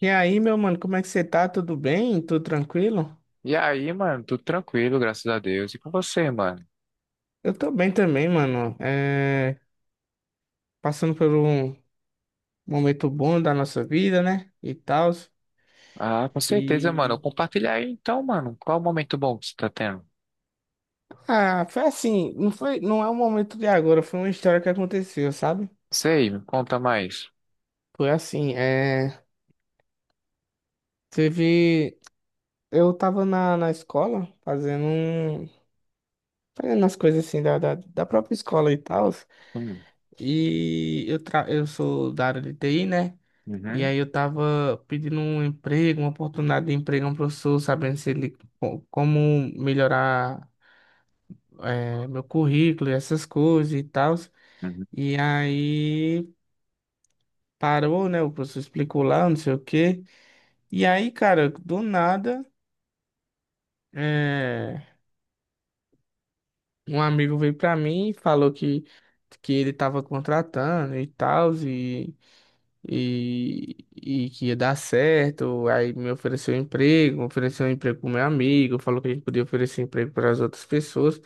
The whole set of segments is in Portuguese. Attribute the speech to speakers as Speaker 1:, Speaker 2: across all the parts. Speaker 1: E aí, meu mano, como é que você tá? Tudo bem? Tudo tranquilo?
Speaker 2: E aí, mano, tudo tranquilo, graças a Deus. E com você, mano?
Speaker 1: Eu tô bem também, mano. Passando por um momento bom da nossa vida, né? E tal.
Speaker 2: Ah, com certeza, mano.
Speaker 1: E.
Speaker 2: Compartilha aí então, mano. Qual o momento bom que você tá tendo?
Speaker 1: Ah, foi assim. Não foi... não é um momento de agora, foi uma história que aconteceu, sabe?
Speaker 2: Sei, me conta mais.
Speaker 1: Foi assim. Teve. Eu tava na escola fazendo um. Fazendo as coisas assim da própria escola e tal.
Speaker 2: Hum,
Speaker 1: E eu, tra... eu sou da área de TI, né? E
Speaker 2: uhum,
Speaker 1: aí eu tava pedindo um emprego, uma oportunidade de emprego a um professor, sabendo se ele co- como melhorar meu currículo e essas coisas e tal.
Speaker 2: uhum.
Speaker 1: E aí parou, né? O professor explicou lá, não sei o quê. E aí, cara, do nada, eh, um amigo veio pra mim e falou que ele tava contratando e tal. E que ia dar certo. Aí me ofereceu um emprego pro meu amigo, falou que a gente podia oferecer emprego para as outras pessoas.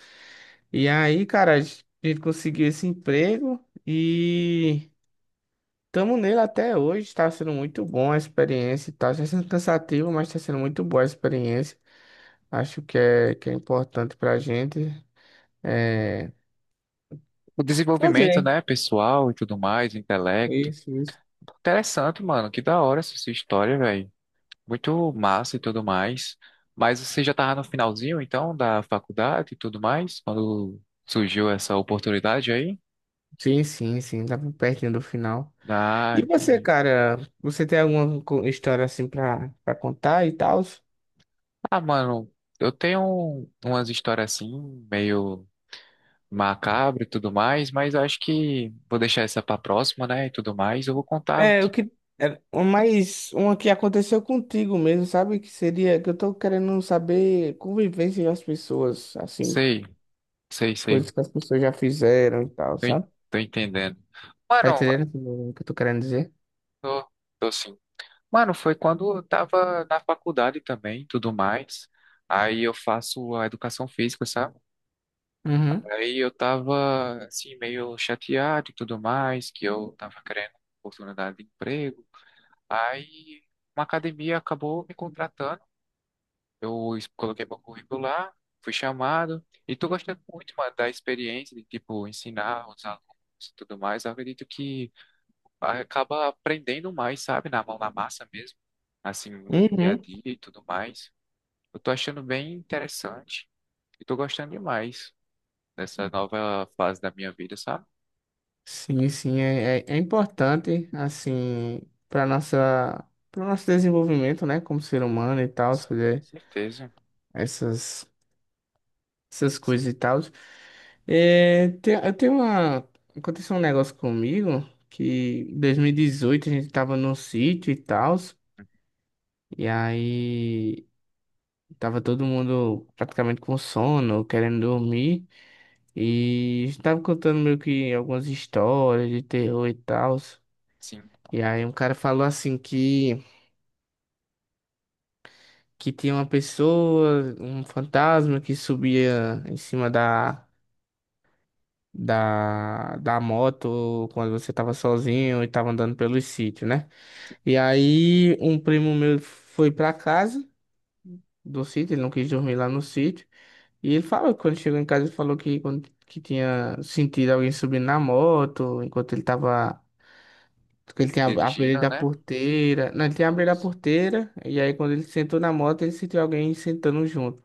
Speaker 1: E aí, cara, a gente conseguiu esse emprego e estamos nele até hoje. Está sendo muito bom a experiência e tal. Está sendo cansativo, mas está sendo muito boa a experiência. Acho que que é importante para a gente é,
Speaker 2: O desenvolvimento,
Speaker 1: fazer
Speaker 2: né, pessoal e tudo mais, intelecto.
Speaker 1: isso.
Speaker 2: Interessante, mano. Que da hora essa sua história, velho. Muito massa e tudo mais. Mas você já tava no finalzinho, então, da faculdade e tudo mais, quando surgiu essa oportunidade aí?
Speaker 1: Sim, sim, sim, tá pertinho do final.
Speaker 2: Ah,
Speaker 1: E você,
Speaker 2: entendi.
Speaker 1: cara, você tem alguma co- história assim pra contar e tal?
Speaker 2: Ah, mano, eu tenho umas histórias assim, meio macabra e tudo mais, mas eu acho que vou deixar essa pra próxima, né? E tudo mais. Eu vou contar o
Speaker 1: É, o
Speaker 2: que.
Speaker 1: que. É, mas uma que aconteceu contigo mesmo, sabe? Que seria que eu tô querendo saber convivência das pessoas, assim,
Speaker 2: Sei, sei, sei.
Speaker 1: coisas que as pessoas já fizeram e tal, sabe?
Speaker 2: Tô entendendo.
Speaker 1: Tá
Speaker 2: Mano,
Speaker 1: entendendo o que eu tô querendo dizer?
Speaker 2: tô, tô sim. Mano, foi quando eu tava na faculdade também, tudo mais. Aí eu faço a educação física, sabe?
Speaker 1: Uhum.
Speaker 2: Aí eu tava assim, meio chateado e tudo mais, que eu tava querendo oportunidade de emprego. Aí uma academia acabou me contratando. Coloquei meu currículo lá, fui chamado e tô gostando muito, mano, da experiência de tipo ensinar os alunos e tudo mais. Eu acredito que acaba aprendendo mais, sabe, na mão na massa mesmo, assim, no dia a
Speaker 1: Uhum.
Speaker 2: dia e tudo mais. Eu tô achando bem interessante e tô gostando demais dessa nova fase da minha vida, sabe?
Speaker 1: Sim, sim, é, é, é importante, assim, para nossa, para nosso desenvolvimento, né, como ser humano e tal,
Speaker 2: Sim,
Speaker 1: fazer
Speaker 2: certeza.
Speaker 1: essas. Essas coisas e tal. É, tem, eu tenho uma. Aconteceu um negócio comigo que em 2018 a gente tava num sítio e tal. E aí tava todo mundo praticamente com sono, querendo dormir. E estava contando meio que algumas histórias de terror e tal.
Speaker 2: Sim,
Speaker 1: E aí um cara falou assim que tinha uma pessoa, um fantasma que subia em cima da moto quando você tava sozinho e tava andando pelos sítios, né? E aí um primo meu foi pra casa do sítio, ele não quis dormir lá no sítio. E ele falou que quando chegou em casa, ele falou que tinha sentido alguém subindo na moto, enquanto ele tava. Porque Ele tinha abrido
Speaker 2: dirigindo,
Speaker 1: da
Speaker 2: né?
Speaker 1: porteira. Não, ele tinha abrido a
Speaker 2: Nossa.
Speaker 1: porteira. E aí quando ele sentou na moto, ele sentiu alguém sentando junto.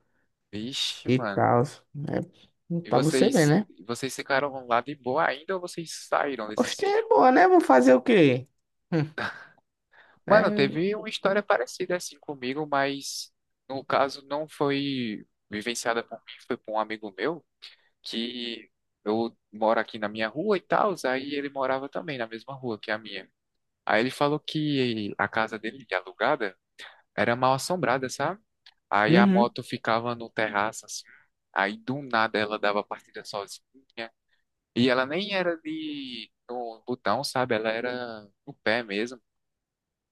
Speaker 2: Vixe,
Speaker 1: E
Speaker 2: mano.
Speaker 1: tal. É,
Speaker 2: E
Speaker 1: pra você ver,
Speaker 2: vocês,
Speaker 1: né?
Speaker 2: vocês ficaram lá de boa ainda ou vocês saíram desse
Speaker 1: Oxe, é
Speaker 2: sítio?
Speaker 1: boa, né? Vou fazer o quê? Hum.
Speaker 2: Mano,
Speaker 1: É
Speaker 2: teve uma história parecida assim comigo, mas no caso não foi vivenciada por mim, foi por um amigo meu que eu moro aqui na minha rua e tal, aí ele morava também na mesma rua que a minha. Aí ele falou que a casa dele, alugada, era mal assombrada, sabe? Aí a
Speaker 1: Uhum.
Speaker 2: moto ficava no terraço assim, aí do nada ela dava partida sozinha. E ela nem era de no botão, sabe? Ela era no pé mesmo.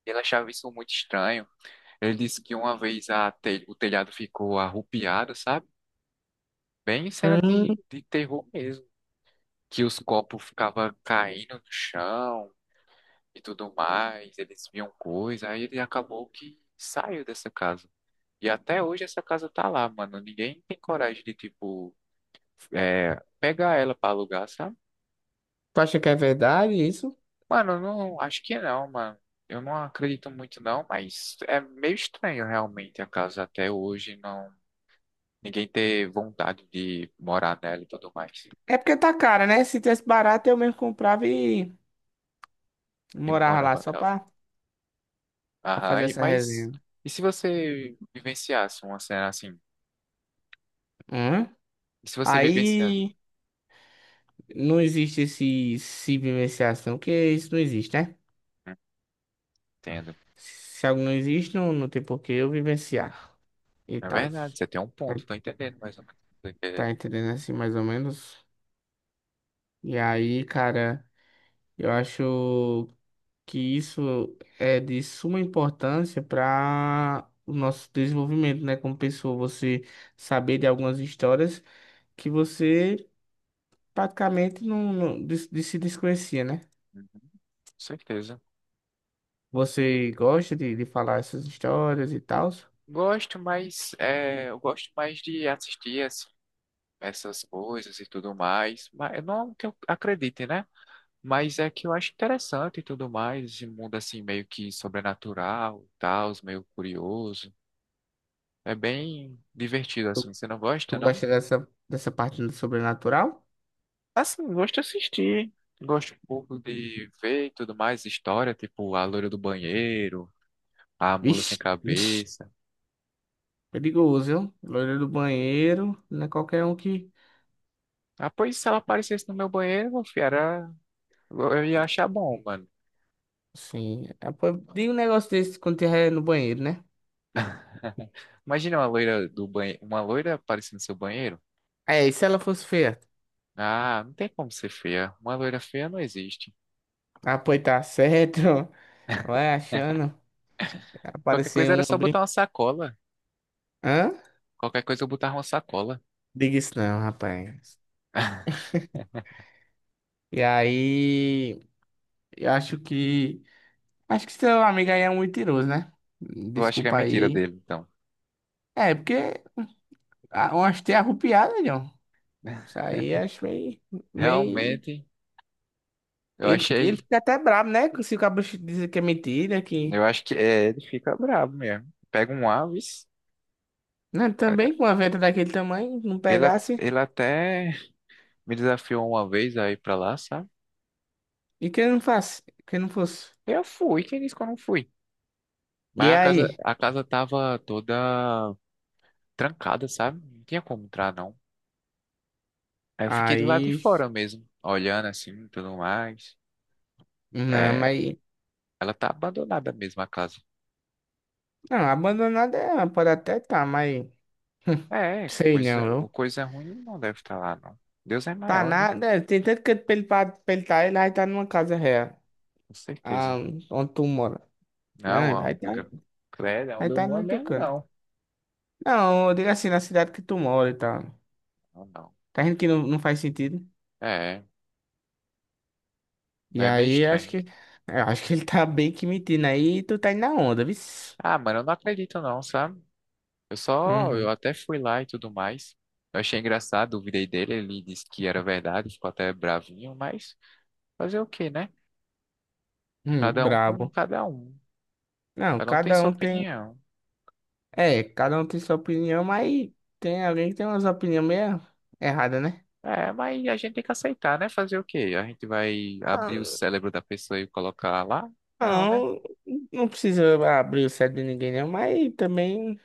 Speaker 2: E ela achava isso muito estranho. Ele disse que uma vez a o telhado ficou arrupiado, sabe? Bem cena
Speaker 1: Hum,
Speaker 2: de terror mesmo. Que os copos ficavam caindo no chão e tudo mais. Eles viam coisa. Aí ele acabou que saiu dessa casa. E até hoje essa casa tá lá, mano. Ninguém tem coragem de, tipo, é, pegar ela pra alugar, sabe?
Speaker 1: tu acha que é verdade isso?
Speaker 2: Mano, eu não, acho que não, mano. Eu não acredito muito não, mas é meio estranho realmente a casa até hoje não ninguém ter vontade de morar nela e tudo mais.
Speaker 1: É porque tá cara, né? Se tivesse barato, eu mesmo comprava e
Speaker 2: E
Speaker 1: morava lá
Speaker 2: morava
Speaker 1: só
Speaker 2: nela.
Speaker 1: pra
Speaker 2: Aham,
Speaker 1: fazer
Speaker 2: e,
Speaker 1: essa
Speaker 2: mas
Speaker 1: resenha.
Speaker 2: e se você vivenciasse uma cena assim?
Speaker 1: Hum?
Speaker 2: E se você vivenciasse?
Speaker 1: Aí não existe esse se vivenciação, porque isso não existe, né?
Speaker 2: Hum. Entendo.
Speaker 1: Se algo não existe, não tem por que eu vivenciar e
Speaker 2: É
Speaker 1: tal.
Speaker 2: verdade, você tem um
Speaker 1: Tá,
Speaker 2: ponto, tô entendendo mais ou menos. Tô entendendo.
Speaker 1: tá entendendo assim, mais ou menos? E aí, cara, eu acho que isso é de suma importância para o nosso desenvolvimento, né? Como pessoa, você saber de algumas histórias que você praticamente não de se desconhecia, né?
Speaker 2: Uhum, com certeza.
Speaker 1: Você gosta de falar essas histórias e tal?
Speaker 2: Gosto, mas é, eu gosto mais de assistir essas coisas e tudo mais. Mas não que eu acredite, né? Mas é que eu acho interessante e tudo mais, esse mundo assim meio que sobrenatural, e tal, meio curioso. É bem divertido
Speaker 1: Tu,
Speaker 2: assim. Você não
Speaker 1: Tu
Speaker 2: gosta, não?
Speaker 1: gosta dessa parte do sobrenatural?
Speaker 2: Assim, gosto de assistir. Gosto um pouco de ver e tudo mais, história, tipo a loira do banheiro, a mula sem
Speaker 1: Vixe, vixe,
Speaker 2: cabeça.
Speaker 1: perigoso, viu? Loira do banheiro, não é qualquer um que.
Speaker 2: Ah, pois se ela aparecesse no meu banheiro, meu filho, era... eu ia achar bom, mano.
Speaker 1: Sim, é, pô, diga um negócio desse quando tiver no banheiro, né?
Speaker 2: Imagina uma loira do banheiro, uma loira aparecendo no seu banheiro.
Speaker 1: É, e se ela fosse feia?
Speaker 2: Ah, não tem como ser feia. Uma loira feia não existe.
Speaker 1: Ah, pois tá certo. Vai
Speaker 2: É.
Speaker 1: achando.
Speaker 2: Qualquer coisa
Speaker 1: Apareceu
Speaker 2: era
Speaker 1: um
Speaker 2: só
Speaker 1: brin...
Speaker 2: botar uma sacola.
Speaker 1: Hã?
Speaker 2: Qualquer coisa eu botava uma sacola.
Speaker 1: Diga isso não, rapaz. E aí, eu acho que. Acho que seu amigo aí é um mentiroso, né?
Speaker 2: Eu acho que é
Speaker 1: Desculpa aí,
Speaker 2: mentira
Speaker 1: hein?
Speaker 2: dele, então.
Speaker 1: É, porque a- umas teias arrupiadas, John. Isso aí acho meio. Meio...
Speaker 2: Realmente, eu
Speaker 1: Ele
Speaker 2: achei.
Speaker 1: fica até brabo, né? Se o cabo dizer que é mentira, que.
Speaker 2: Eu acho que é, ele fica bravo mesmo. Pega um Aves.
Speaker 1: Não, também com uma venda daquele tamanho, não
Speaker 2: Ele,
Speaker 1: pegasse.
Speaker 2: Ele até me desafiou uma vez a ir pra lá, sabe?
Speaker 1: E que ele não faça, que ele não fosse.
Speaker 2: Eu fui, quem disse que eu não fui?
Speaker 1: E
Speaker 2: Mas
Speaker 1: aí?
Speaker 2: a casa tava toda trancada, sabe? Não tinha como entrar, não. Aí eu fiquei do lado de
Speaker 1: Aí.
Speaker 2: fora mesmo, olhando assim, tudo mais.
Speaker 1: Não,
Speaker 2: É,
Speaker 1: mas.
Speaker 2: ela tá abandonada mesmo, a casa.
Speaker 1: Não, abandonada é, pode até tá, mas
Speaker 2: É,
Speaker 1: sei não,
Speaker 2: coisa, o
Speaker 1: viu?
Speaker 2: coisa ruim não deve estar lá, não. Deus é
Speaker 1: Tá
Speaker 2: maior, né?
Speaker 1: nada, é, tem tanto que pra ele tá, ele aí tá numa casa real,
Speaker 2: Com
Speaker 1: ah,
Speaker 2: certeza.
Speaker 1: onde tu mora,
Speaker 2: Não,
Speaker 1: né?
Speaker 2: ó. Credo,
Speaker 1: Aí
Speaker 2: onde eu
Speaker 1: tá
Speaker 2: moro
Speaker 1: no
Speaker 2: mesmo,
Speaker 1: Tucano.
Speaker 2: não.
Speaker 1: Não, eu digo assim, na cidade que tu mora e tal.
Speaker 2: Não, não.
Speaker 1: Tá vendo que não, não faz sentido?
Speaker 2: É,
Speaker 1: E
Speaker 2: é meio
Speaker 1: aí, acho
Speaker 2: estranho.
Speaker 1: que, eu acho que ele tá bem que mentindo aí, e tu tá indo na onda, viu?
Speaker 2: Ah, mano, eu não acredito não, sabe? Eu só, eu
Speaker 1: Uhum,
Speaker 2: até fui lá e tudo mais. Eu achei engraçado, duvidei dele, ele disse que era verdade, ficou até bravinho, mas fazer o quê, né? Cada um com
Speaker 1: brabo.
Speaker 2: cada um.
Speaker 1: Não,
Speaker 2: Cada um tem
Speaker 1: cada
Speaker 2: sua
Speaker 1: um tem,
Speaker 2: opinião.
Speaker 1: é, cada um tem sua opinião, mas tem alguém que tem umas opiniões meio erradas, né?
Speaker 2: É, mas a gente tem que aceitar, né? Fazer o quê? A gente vai abrir o
Speaker 1: Ah,
Speaker 2: cérebro da pessoa e colocar lá? Não, né?
Speaker 1: não, não precisa abrir o cérebro de ninguém, não, mas também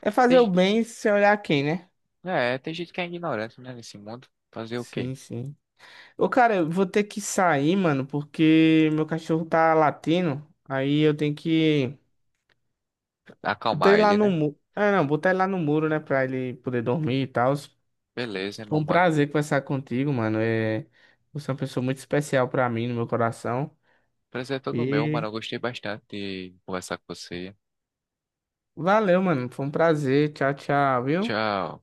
Speaker 1: é
Speaker 2: Tem,
Speaker 1: fazer o
Speaker 2: ge-
Speaker 1: bem sem olhar quem, né?
Speaker 2: É, tem gente que é ignorante, né, nesse mundo. Fazer o quê?
Speaker 1: Sim, sim. Ô, cara, eu vou ter que sair, mano, porque meu cachorro tá latindo. Aí eu tenho que. Botar
Speaker 2: Acalmar
Speaker 1: ele lá
Speaker 2: ele,
Speaker 1: no
Speaker 2: né?
Speaker 1: muro. Ah, não, botar ele lá no muro, né? Pra ele poder dormir e tal.
Speaker 2: Beleza,
Speaker 1: Foi
Speaker 2: irmão,
Speaker 1: um
Speaker 2: mano.
Speaker 1: prazer conversar contigo, mano. É... Você é uma pessoa muito especial pra mim, no meu coração.
Speaker 2: Prazer é todo meu, mano.
Speaker 1: E
Speaker 2: Eu gostei bastante de conversar com você.
Speaker 1: valeu, mano. Foi um prazer. Tchau, tchau, viu?
Speaker 2: Tchau.